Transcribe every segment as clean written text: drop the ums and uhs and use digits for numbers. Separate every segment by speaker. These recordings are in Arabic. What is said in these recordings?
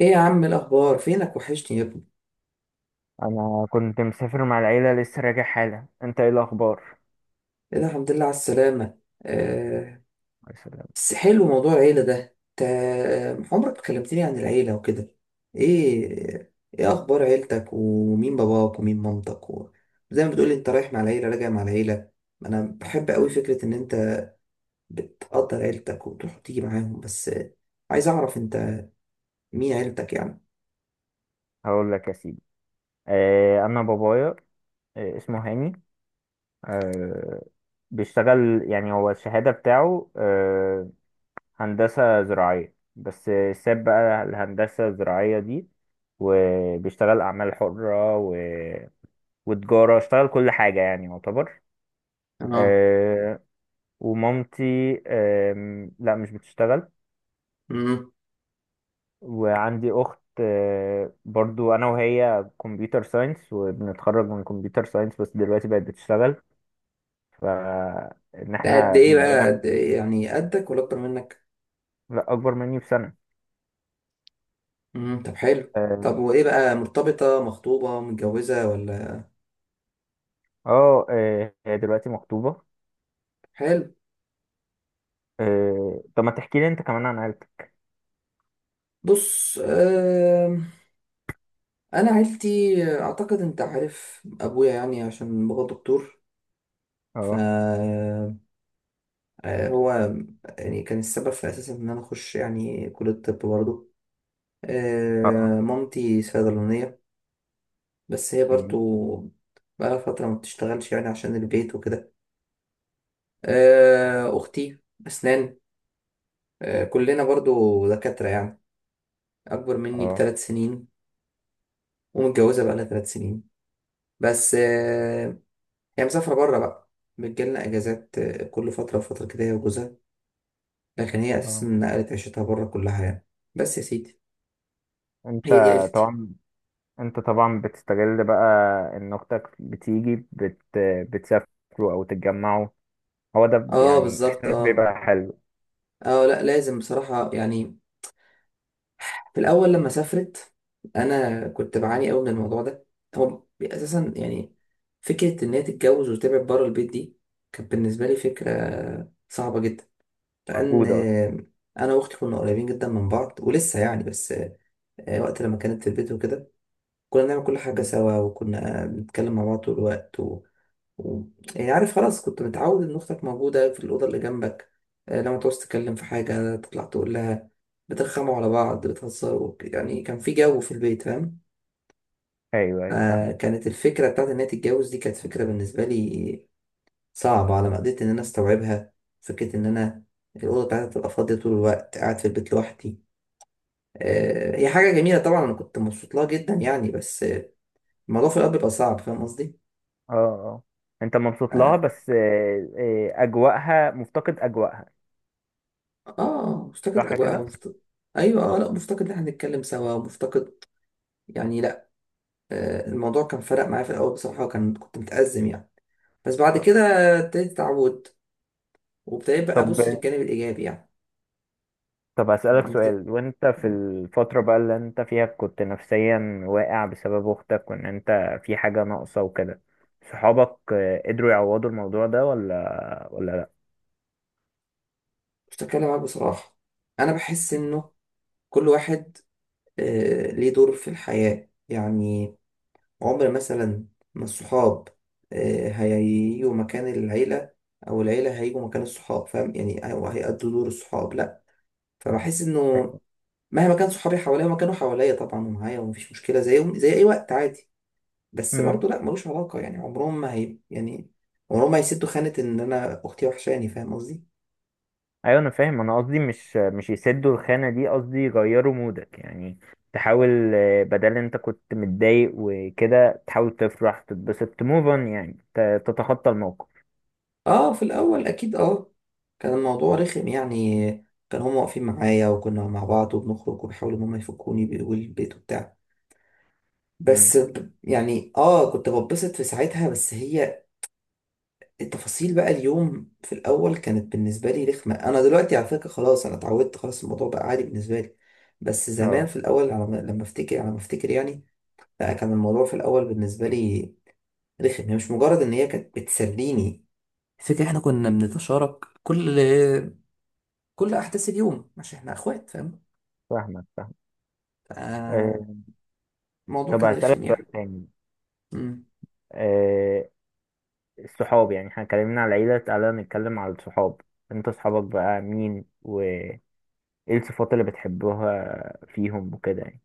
Speaker 1: ايه يا عم، الاخبار؟ فينك؟ وحشني يا ابني.
Speaker 2: انا كنت مسافر مع العيله، لسه راجع حالا. انت ايه الاخبار؟
Speaker 1: ايه ده، الحمد لله على السلامه. آه.
Speaker 2: يا سلام.
Speaker 1: بس حلو موضوع العيله ده. انت عمرك ما كلمتني عن العيله وكده. ايه اخبار عيلتك؟ ومين باباك ومين مامتك زي ما بتقولي انت رايح مع العيله راجع مع العيله. انا بحب قوي فكره ان انت بتقدر عيلتك وتروح وتيجي معاهم. بس عايز اعرف انت مين عيلتك يعني.
Speaker 2: هقول لك يا سيدي. انا بابايا، اسمه هاني. آه بيشتغل، يعني هو الشهاده بتاعه هندسه زراعيه، بس ساب بقى الهندسه الزراعيه دي، وبيشتغل اعمال حره وتجاره، اشتغل كل حاجه يعني يعتبر.
Speaker 1: اه.
Speaker 2: آه ومامتي، لا مش بتشتغل.
Speaker 1: امم.
Speaker 2: وعندي اخت، برضو انا وهي كمبيوتر ساينس، وبنتخرج من كمبيوتر ساينس بس دلوقتي بقت بتشتغل. فان
Speaker 1: ده قد
Speaker 2: احنا
Speaker 1: ايه بقى؟
Speaker 2: بقينا.
Speaker 1: قد إيه؟ يعني قدك ولا اكتر منك؟
Speaker 2: لا، اكبر مني بسنة.
Speaker 1: مم. طب حلو.
Speaker 2: اه.
Speaker 1: طب وايه بقى؟ مرتبطة، مخطوبة، متجوزة ولا؟
Speaker 2: هي دلوقتي مخطوبة.
Speaker 1: حلو.
Speaker 2: طب ما تحكي لي انت كمان عن عيلتك؟
Speaker 1: بص، انا عيلتي اعتقد انت عارف ابويا، يعني عشان بابا دكتور، ف
Speaker 2: اه،
Speaker 1: آه، هو يعني كان السبب في اساسا ان انا اخش يعني كلية الطب برضه.
Speaker 2: اه.
Speaker 1: مامتي صيدلانية، بس هي برضه
Speaker 2: مم.
Speaker 1: بقالها فترة ما بتشتغلش يعني عشان البيت وكده.
Speaker 2: اه،
Speaker 1: اختي اسنان، كلنا برضه دكاترة يعني. اكبر مني
Speaker 2: اه.
Speaker 1: بثلاث سنين ومتجوزة بقالها ثلاث سنين، بس هي مسافرة بره بقى، بتجيلنا أجازات كل فترة وفترة كده هي وجوزها. لكن هي أساسا
Speaker 2: آه.
Speaker 1: نقلت عيشتها بره كلها يعني. بس يا سيدي،
Speaker 2: انت
Speaker 1: هي دي عيلتي.
Speaker 2: طبعا انت طبعا بتستغل بقى، ان اختك بتيجي بتسافروا او تتجمعوا، هو ده
Speaker 1: اه
Speaker 2: يعني،
Speaker 1: بالظبط،
Speaker 2: احساس
Speaker 1: اه.
Speaker 2: بيبقى حلو.
Speaker 1: اه، لا لازم بصراحة يعني. في الأول لما سافرت أنا كنت بعاني أوي من الموضوع ده. هو أساسا يعني فكرة إن هي تتجوز وتبعد بره البيت دي كانت بالنسبة لي فكرة صعبة جدا، لأن
Speaker 2: موجودة أصلا.
Speaker 1: أنا وأختي كنا قريبين جدا من بعض، ولسه يعني. بس وقت لما كانت في البيت وكده كنا بنعمل كل حاجة
Speaker 2: مم.
Speaker 1: سوا، وكنا بنتكلم مع بعض طول الوقت و... يعني عارف خلاص، كنت متعود إن أختك موجودة في الأوضة اللي جنبك، لما تعوز تتكلم في حاجة تطلع تقول لها، بترخموا على بعض، بتهزروا، يعني كان في جو في البيت فاهم.
Speaker 2: أيوه، أيوه، فاهمك.
Speaker 1: كانت الفكرة بتاعت إن هي تتجوز دي كانت فكرة بالنسبة لي صعبة على ما قدرت إن أنا أستوعبها. فكرة إن أنا الأوضة بتاعتي تبقى فاضية طول الوقت، قاعد في البيت لوحدي. هي حاجة جميلة طبعا، أنا كنت مبسوط لها جدا يعني، بس الموضوع في الأول بيبقى صعب، فاهم قصدي؟
Speaker 2: اه، اه. أنت مبسوط لها
Speaker 1: آه,
Speaker 2: بس أجواءها، مفتقد أجواءها.
Speaker 1: آه مفتقد
Speaker 2: صح
Speaker 1: أجواءها،
Speaker 2: كده؟
Speaker 1: مفتقد. أيوة، لا مفتقد إن إحنا نتكلم سوا، مفتقد يعني. لا، الموضوع كان فرق معايا في الأول بصراحة، وكان كنت متأزم يعني. بس بعد
Speaker 2: آه.
Speaker 1: كده ابتديت أتعود، وابتديت بقى
Speaker 2: طب
Speaker 1: أبص للجانب الإيجابي يعني.
Speaker 2: طب هسألك
Speaker 1: فاهم قصدي؟
Speaker 2: سؤال، وأنت في
Speaker 1: مم.
Speaker 2: الفترة بقى اللي أنت فيها، كنت نفسيا واقع بسبب أختك، وإن أنت في حاجة ناقصة وكده، صحابك قدروا يعوضوا الموضوع ده، ولا لأ؟
Speaker 1: مش هتكلم معاك بصراحة، أنا بحس إنه كل واحد ليه دور في الحياة يعني. عمر مثلا ما الصحاب هيجوا مكان العيلة، أو العيلة هيجوا مكان الصحاب، فاهم يعني؟ أو هيأدوا دور الصحاب، لأ. فبحس إنه مهما كان صحابي حواليا، ما كانوا حواليا طبعا ومعايا ومفيش مشكلة، زيهم زي أي وقت عادي، بس
Speaker 2: مم.
Speaker 1: برضه لأ، ملوش علاقة يعني، عمرهم ما هي يعني، عمرهم ما هيسدوا خانة إن أنا أختي وحشاني، فاهم قصدي؟
Speaker 2: ايوه، انا فاهم، انا قصدي مش يسدوا الخانه دي، قصدي يغيروا مودك يعني. تحاول، بدل انت كنت متضايق وكده، تحاول تفرح تتبسط تموف اون، يعني تتخطى الموقف.
Speaker 1: في الأول أكيد، كان الموضوع رخم يعني. كان هما واقفين معايا، وكنا مع بعض وبنخرج، وبيحاولوا إن هما يفكوني، بيقولوا البيت وبتاع،
Speaker 2: امم.
Speaker 1: بس يعني كنت بتبسط في ساعتها. بس هي التفاصيل بقى اليوم في الاول كانت بالنسبه لي رخمه. انا دلوقتي على فكره خلاص، انا اتعودت، خلاص الموضوع بقى عادي بالنسبه لي، بس زمان
Speaker 2: اه
Speaker 1: في الاول على ما- لما افتكر على ما افتكر يعني. لا، كان الموضوع في الاول بالنسبه لي رخم. هي مش مجرد ان هي كانت بتسليني، فكرة احنا كنا بنتشارك كل احداث اليوم عشان احنا اخوات، فاهم؟
Speaker 2: فاهمك، فاهم.
Speaker 1: فالموضوع
Speaker 2: آه طب
Speaker 1: كان
Speaker 2: هسألك
Speaker 1: رخم
Speaker 2: سؤال
Speaker 1: يعني.
Speaker 2: تاني.
Speaker 1: مم.
Speaker 2: آه الصحاب، يعني احنا اتكلمنا على العيله، تعالى نتكلم على الصحاب. انت صحابك بقى مين؟ وايه الصفات اللي بتحبوها فيهم وكده يعني؟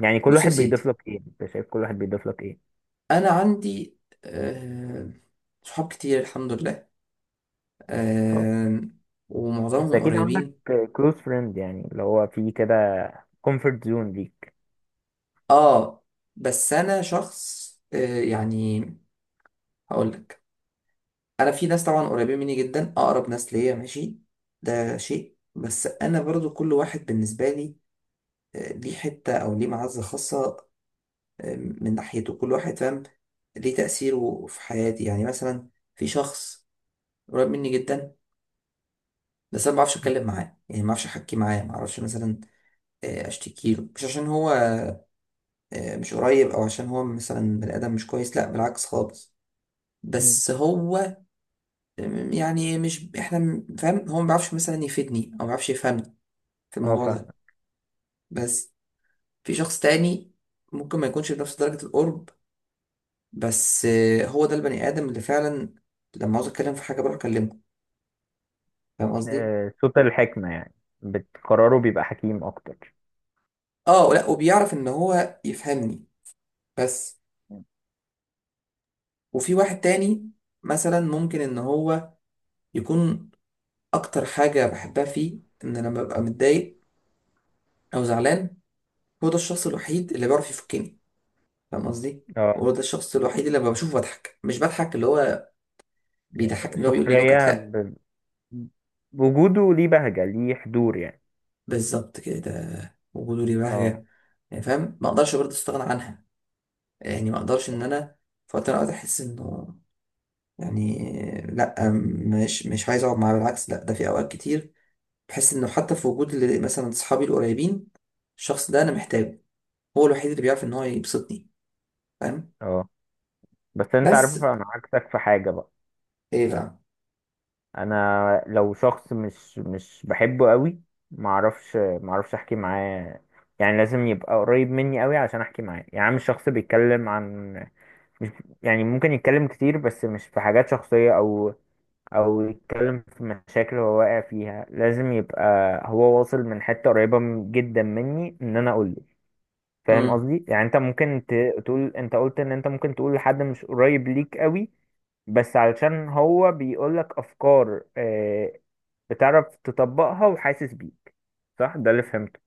Speaker 2: يعني كل
Speaker 1: بص يا
Speaker 2: واحد بيضيف
Speaker 1: سيدي،
Speaker 2: لك ايه؟ انت شايف كل واحد بيضيف لك ايه؟
Speaker 1: انا عندي آه، صحاب كتير الحمد لله،
Speaker 2: اه.
Speaker 1: آه،
Speaker 2: بس
Speaker 1: ومعظمهم
Speaker 2: اكيد عندك
Speaker 1: قريبين.
Speaker 2: كلوز فريند، يعني اللي هو في كده كومفورت زون ليك.
Speaker 1: اه، بس انا شخص، يعني هقول لك، انا في ناس طبعا قريبين مني جدا، اقرب ناس ليا ماشي، ده شيء. بس انا برضو كل واحد بالنسبه لي ليه حته او ليه معزه خاصه، من ناحيته كل واحد، فاهم؟ ليه تاثيره في حياتي يعني. مثلا في شخص قريب مني جدا، بس انا ما بعرفش اتكلم معاه يعني، ما بعرفش احكي معاه، ما اعرفش مثلا اشتكي له، مش عشان هو مش قريب، او عشان هو مثلا بني ادم مش كويس، لا بالعكس خالص،
Speaker 2: مم.
Speaker 1: بس هو م- يعني مش احنا م- فاهم، هو ما بيعرفش مثلا يفيدني، او ما بيعرفش يفهمني في
Speaker 2: اه،
Speaker 1: الموضوع
Speaker 2: فاهمة.
Speaker 1: ده. بس في شخص تاني ممكن ما يكونش بنفس درجة القرب، بس هو ده البني ادم اللي فعلا لما عاوز اتكلم في حاجة بروح اكلمه، فاهم قصدي؟
Speaker 2: صوت الحكمة يعني، بتقراره بيبقى حكيم اكتر.
Speaker 1: اه، لا وبيعرف ان هو يفهمني. بس
Speaker 2: مم.
Speaker 1: وفي واحد تاني مثلا، ممكن ان هو يكون اكتر حاجة بحبها فيه ان لما ببقى متضايق او زعلان، هو ده الشخص الوحيد اللي بيعرف يفكني، فاهم قصدي؟
Speaker 2: اه.
Speaker 1: هو ده الشخص الوحيد اللي لما بشوفه بضحك، مش بضحك اللي هو بيضحكني، اللي هو بيقول لي نكت،
Speaker 2: سخرية
Speaker 1: لا.
Speaker 2: وجوده ليه بهجة، ليه حضور يعني.
Speaker 1: بالظبط كده، ده وجوده لي
Speaker 2: اه،
Speaker 1: بهجة يعني، فاهم؟ ما اقدرش برضه استغنى عنها. يعني ما اقدرش ان انا في وقت من الاوقات احس انه يعني لا، مش عايز اقعد معاه، بالعكس لا، ده في اوقات كتير بحس انه حتى في وجود مثلا اصحابي القريبين، الشخص ده انا محتاجه، هو الوحيد اللي بيعرف ان هو يبسطني، فاهم؟
Speaker 2: اه. بس انت عارف،
Speaker 1: بس
Speaker 2: انا عكسك في حاجة بقى.
Speaker 1: ايه بقى؟
Speaker 2: انا لو شخص مش بحبه قوي، معرفش احكي معاه، يعني لازم يبقى قريب مني قوي عشان احكي معاه، يعني مش شخص بيتكلم عن، مش، يعني ممكن يتكلم كتير بس مش في حاجات شخصية، أو يتكلم في مشاكل هو واقع فيها، لازم يبقى هو واصل من حتة قريبة جدا مني، إن أنا أقوله. فاهم
Speaker 1: امم.
Speaker 2: قصدي؟ يعني أنت ممكن تقول، أنت قلت إن أنت ممكن تقول لحد مش قريب ليك قوي، بس علشان هو بيقولك أفكار بتعرف تطبقها وحاسس بيك. صح؟ ده اللي فهمته.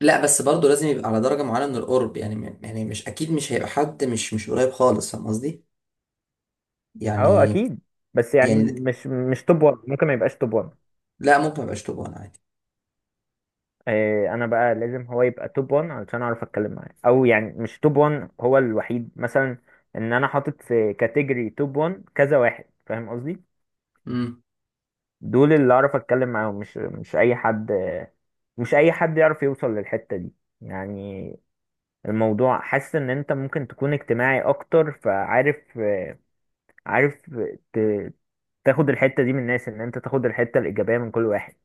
Speaker 1: لا، بس برضه لازم يبقى على درجة معينة من القرب يعني، يعني مش أكيد مش هيبقى حد مش قريب خالص، فاهم قصدي؟
Speaker 2: أه،
Speaker 1: يعني،
Speaker 2: أكيد. بس يعني
Speaker 1: يعني
Speaker 2: مش توب 1، ممكن ما يبقاش توب 1.
Speaker 1: لا، ممكن ميبقاش طوبان عادي.
Speaker 2: انا بقى لازم هو يبقى توب 1 علشان اعرف اتكلم معاه، او يعني مش توب 1 هو الوحيد مثلا، ان انا حاطط في كاتيجوري توب 1 كذا واحد، فاهم قصدي؟
Speaker 1: امم.
Speaker 2: دول اللي اعرف اتكلم معاهم، مش اي حد، مش اي حد يعرف يوصل للحتة دي، يعني. الموضوع، حاسس ان انت ممكن تكون اجتماعي اكتر، فعارف عارف ت- تاخد الحتة دي من الناس، ان انت تاخد الحتة الإيجابية من كل واحد.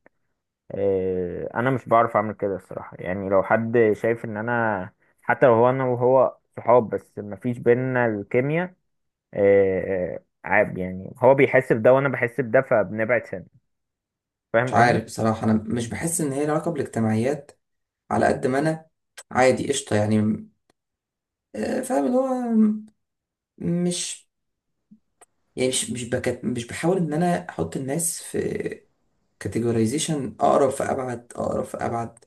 Speaker 2: إيه، انا مش بعرف اعمل كده الصراحه، يعني لو حد شايف ان انا، حتى لو هو انا وهو صحاب بس مفيش بينا الكيمياء، إيه، عيب يعني، هو بيحس بده وانا بحس بده، فبنبعد سنة.
Speaker 1: مش
Speaker 2: فاهم
Speaker 1: عارف
Speaker 2: قصدي؟
Speaker 1: بصراحة، أنا مش بحس إن هي لها علاقة بالاجتماعيات. على قد ما أنا عادي قشطة يعني، فاهم اللي هو، م- مش يعني مش بكت، مش بحاول إن أنا أحط الناس في كاتيجورايزيشن، أقرب فأبعد أقرب فأبعد.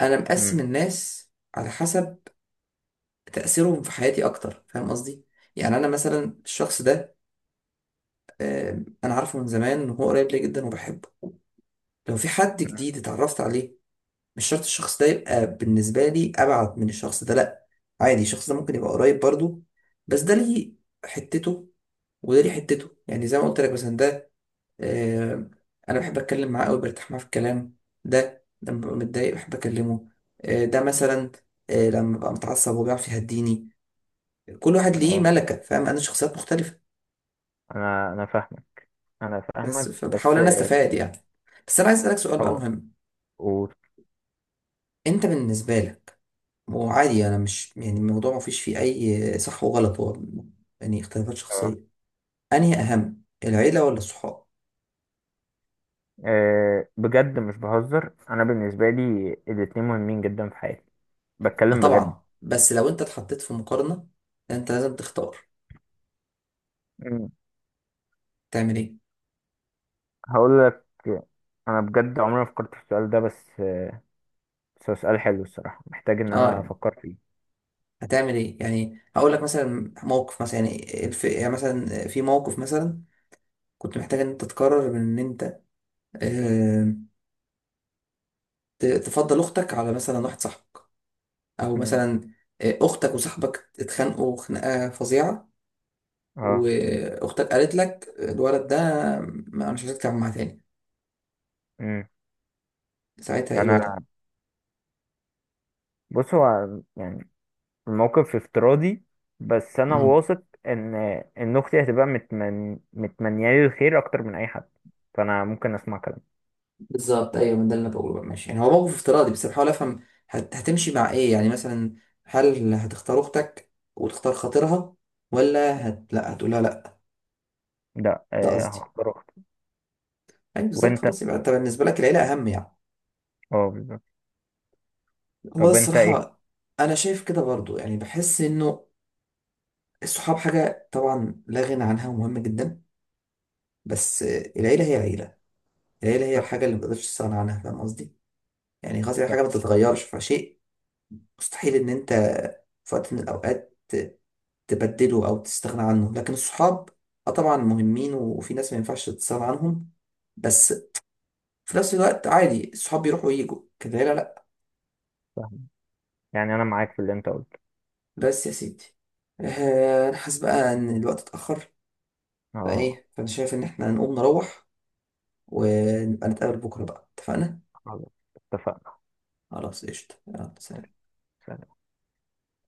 Speaker 1: أنا مقسم
Speaker 2: امم.
Speaker 1: الناس على حسب تأثيره في حياتي أكتر، فاهم قصدي؟ يعني أنا مثلا الشخص ده أنا عارفه من زمان إن هو قريب لي جدا وبحبه. لو في حد جديد اتعرفت عليه، مش شرط الشخص ده يبقى بالنسبة لي أبعد من الشخص ده، لأ، عادي الشخص ده ممكن يبقى قريب برضه، بس ده ليه حتته وده ليه حتته، يعني زي ما قلت لك، مثلا ده آه، أنا بحب أتكلم معاه أوي، برتاح معاه في الكلام. ده لما ببقى متضايق بحب أكلمه. ده مثلا لما ببقى متعصب وبيعرف يهديني. كل واحد ليه
Speaker 2: اه،
Speaker 1: ملكة، فاهم؟ أنا شخصيات مختلفة،
Speaker 2: انا فاهمك، انا
Speaker 1: بس
Speaker 2: فاهمك،
Speaker 1: فبحاول
Speaker 2: بس
Speaker 1: انا
Speaker 2: إيه،
Speaker 1: استفاد يعني. بس انا عايز اسالك سؤال بقى
Speaker 2: هو
Speaker 1: مهم.
Speaker 2: قول.
Speaker 1: انت بالنسبه لك، وعادي انا مش يعني، الموضوع ما فيش فيه اي صح وغلط، هو يعني اختلافات
Speaker 2: اه.
Speaker 1: شخصيه، انهي اهم؟ العيله ولا الصحاب؟
Speaker 2: إيه، بجد مش بهزر، انا بالنسبه لي الاتنين مهمين جدا في حياتي،
Speaker 1: ما
Speaker 2: بتكلم بجد.
Speaker 1: طبعا، بس لو انت اتحطيت في مقارنه، انت لازم تختار،
Speaker 2: مم.
Speaker 1: تعمل ايه؟
Speaker 2: هقول لك، انا بجد عمري ما فكرت في السؤال ده، بس سؤال حلو الصراحة، محتاج إن
Speaker 1: اه
Speaker 2: أنا
Speaker 1: يعني،
Speaker 2: أفكر فيه.
Speaker 1: هتعمل ايه يعني؟ هقول لك مثلا موقف، مثلا يعني يعني مثلا، في موقف مثلا كنت محتاج ان انت تقرر من ان انت آه، تفضل اختك على مثلا واحد صاحبك، او
Speaker 2: مم.
Speaker 1: مثلا اختك وصاحبك اتخانقوا خناقه فظيعه،
Speaker 2: اه.
Speaker 1: واختك قالت لك الولد ده، ما انا مش عايزك تتعامل معاه تاني.
Speaker 2: مم.
Speaker 1: ساعتها ايه
Speaker 2: يعني
Speaker 1: الوضع؟
Speaker 2: أنا، بص هو، يعني الموقف افتراضي، بس أنا
Speaker 1: امم.
Speaker 2: واثق إن أختي هتبقى متمنيالي الخير أكتر من أي حد، فأنا ممكن أسمع كلام.
Speaker 1: بالظبط، ايوه، من ده اللي أنا بقوله بقى، ماشي يعني، هو موقف افتراضي بس بحاول افهم، هتمشي مع ايه يعني؟ مثلا هل هتختار اختك وتختار خاطرها، ولا لا هتقولها لا؟
Speaker 2: لا،
Speaker 1: ده قصدي
Speaker 2: هختار أختي.
Speaker 1: يعني، بالظبط،
Speaker 2: وأنت،
Speaker 1: خلاص، يبقى انت بالنسبه لك العيله اهم يعني،
Speaker 2: اه بالظبط.
Speaker 1: هو ده
Speaker 2: طب أنت إيه؟
Speaker 1: الصراحه. انا شايف كده برضو يعني، بحس انه الصحاب حاجه طبعا لا غنى عنها ومهمه جدا، بس العيلة هي عيلة، العيلة هي
Speaker 2: صح،
Speaker 1: الحاجة اللي متقدرش تستغنى عنها، فاهم قصدي؟ يعني خلاص، هي حاجة
Speaker 2: صح،
Speaker 1: ما تتغيرش فشيء. مستحيل إن أنت في وقت من الأوقات تبدله أو تستغنى عنه. لكن الصحاب أه طبعا مهمين، وفي ناس ما ينفعش تستغنى عنهم، بس في نفس الوقت عادي الصحاب بيروحوا ويجوا كده، العيلة لأ.
Speaker 2: صح. يعني أنا معاك في اللي أنت قلته.
Speaker 1: بس يا سيدي، أنا حاسس بقى إن الوقت اتأخر،
Speaker 2: اه.
Speaker 1: فإيه، فأنا شايف إن إحنا نقوم نروح، ونبقى نتقابل بكرة بقى، اتفقنا؟
Speaker 2: خلاص، اتفقنا.
Speaker 1: خلاص قشطة، يلا
Speaker 2: ماشي.
Speaker 1: سلام.
Speaker 2: سلام.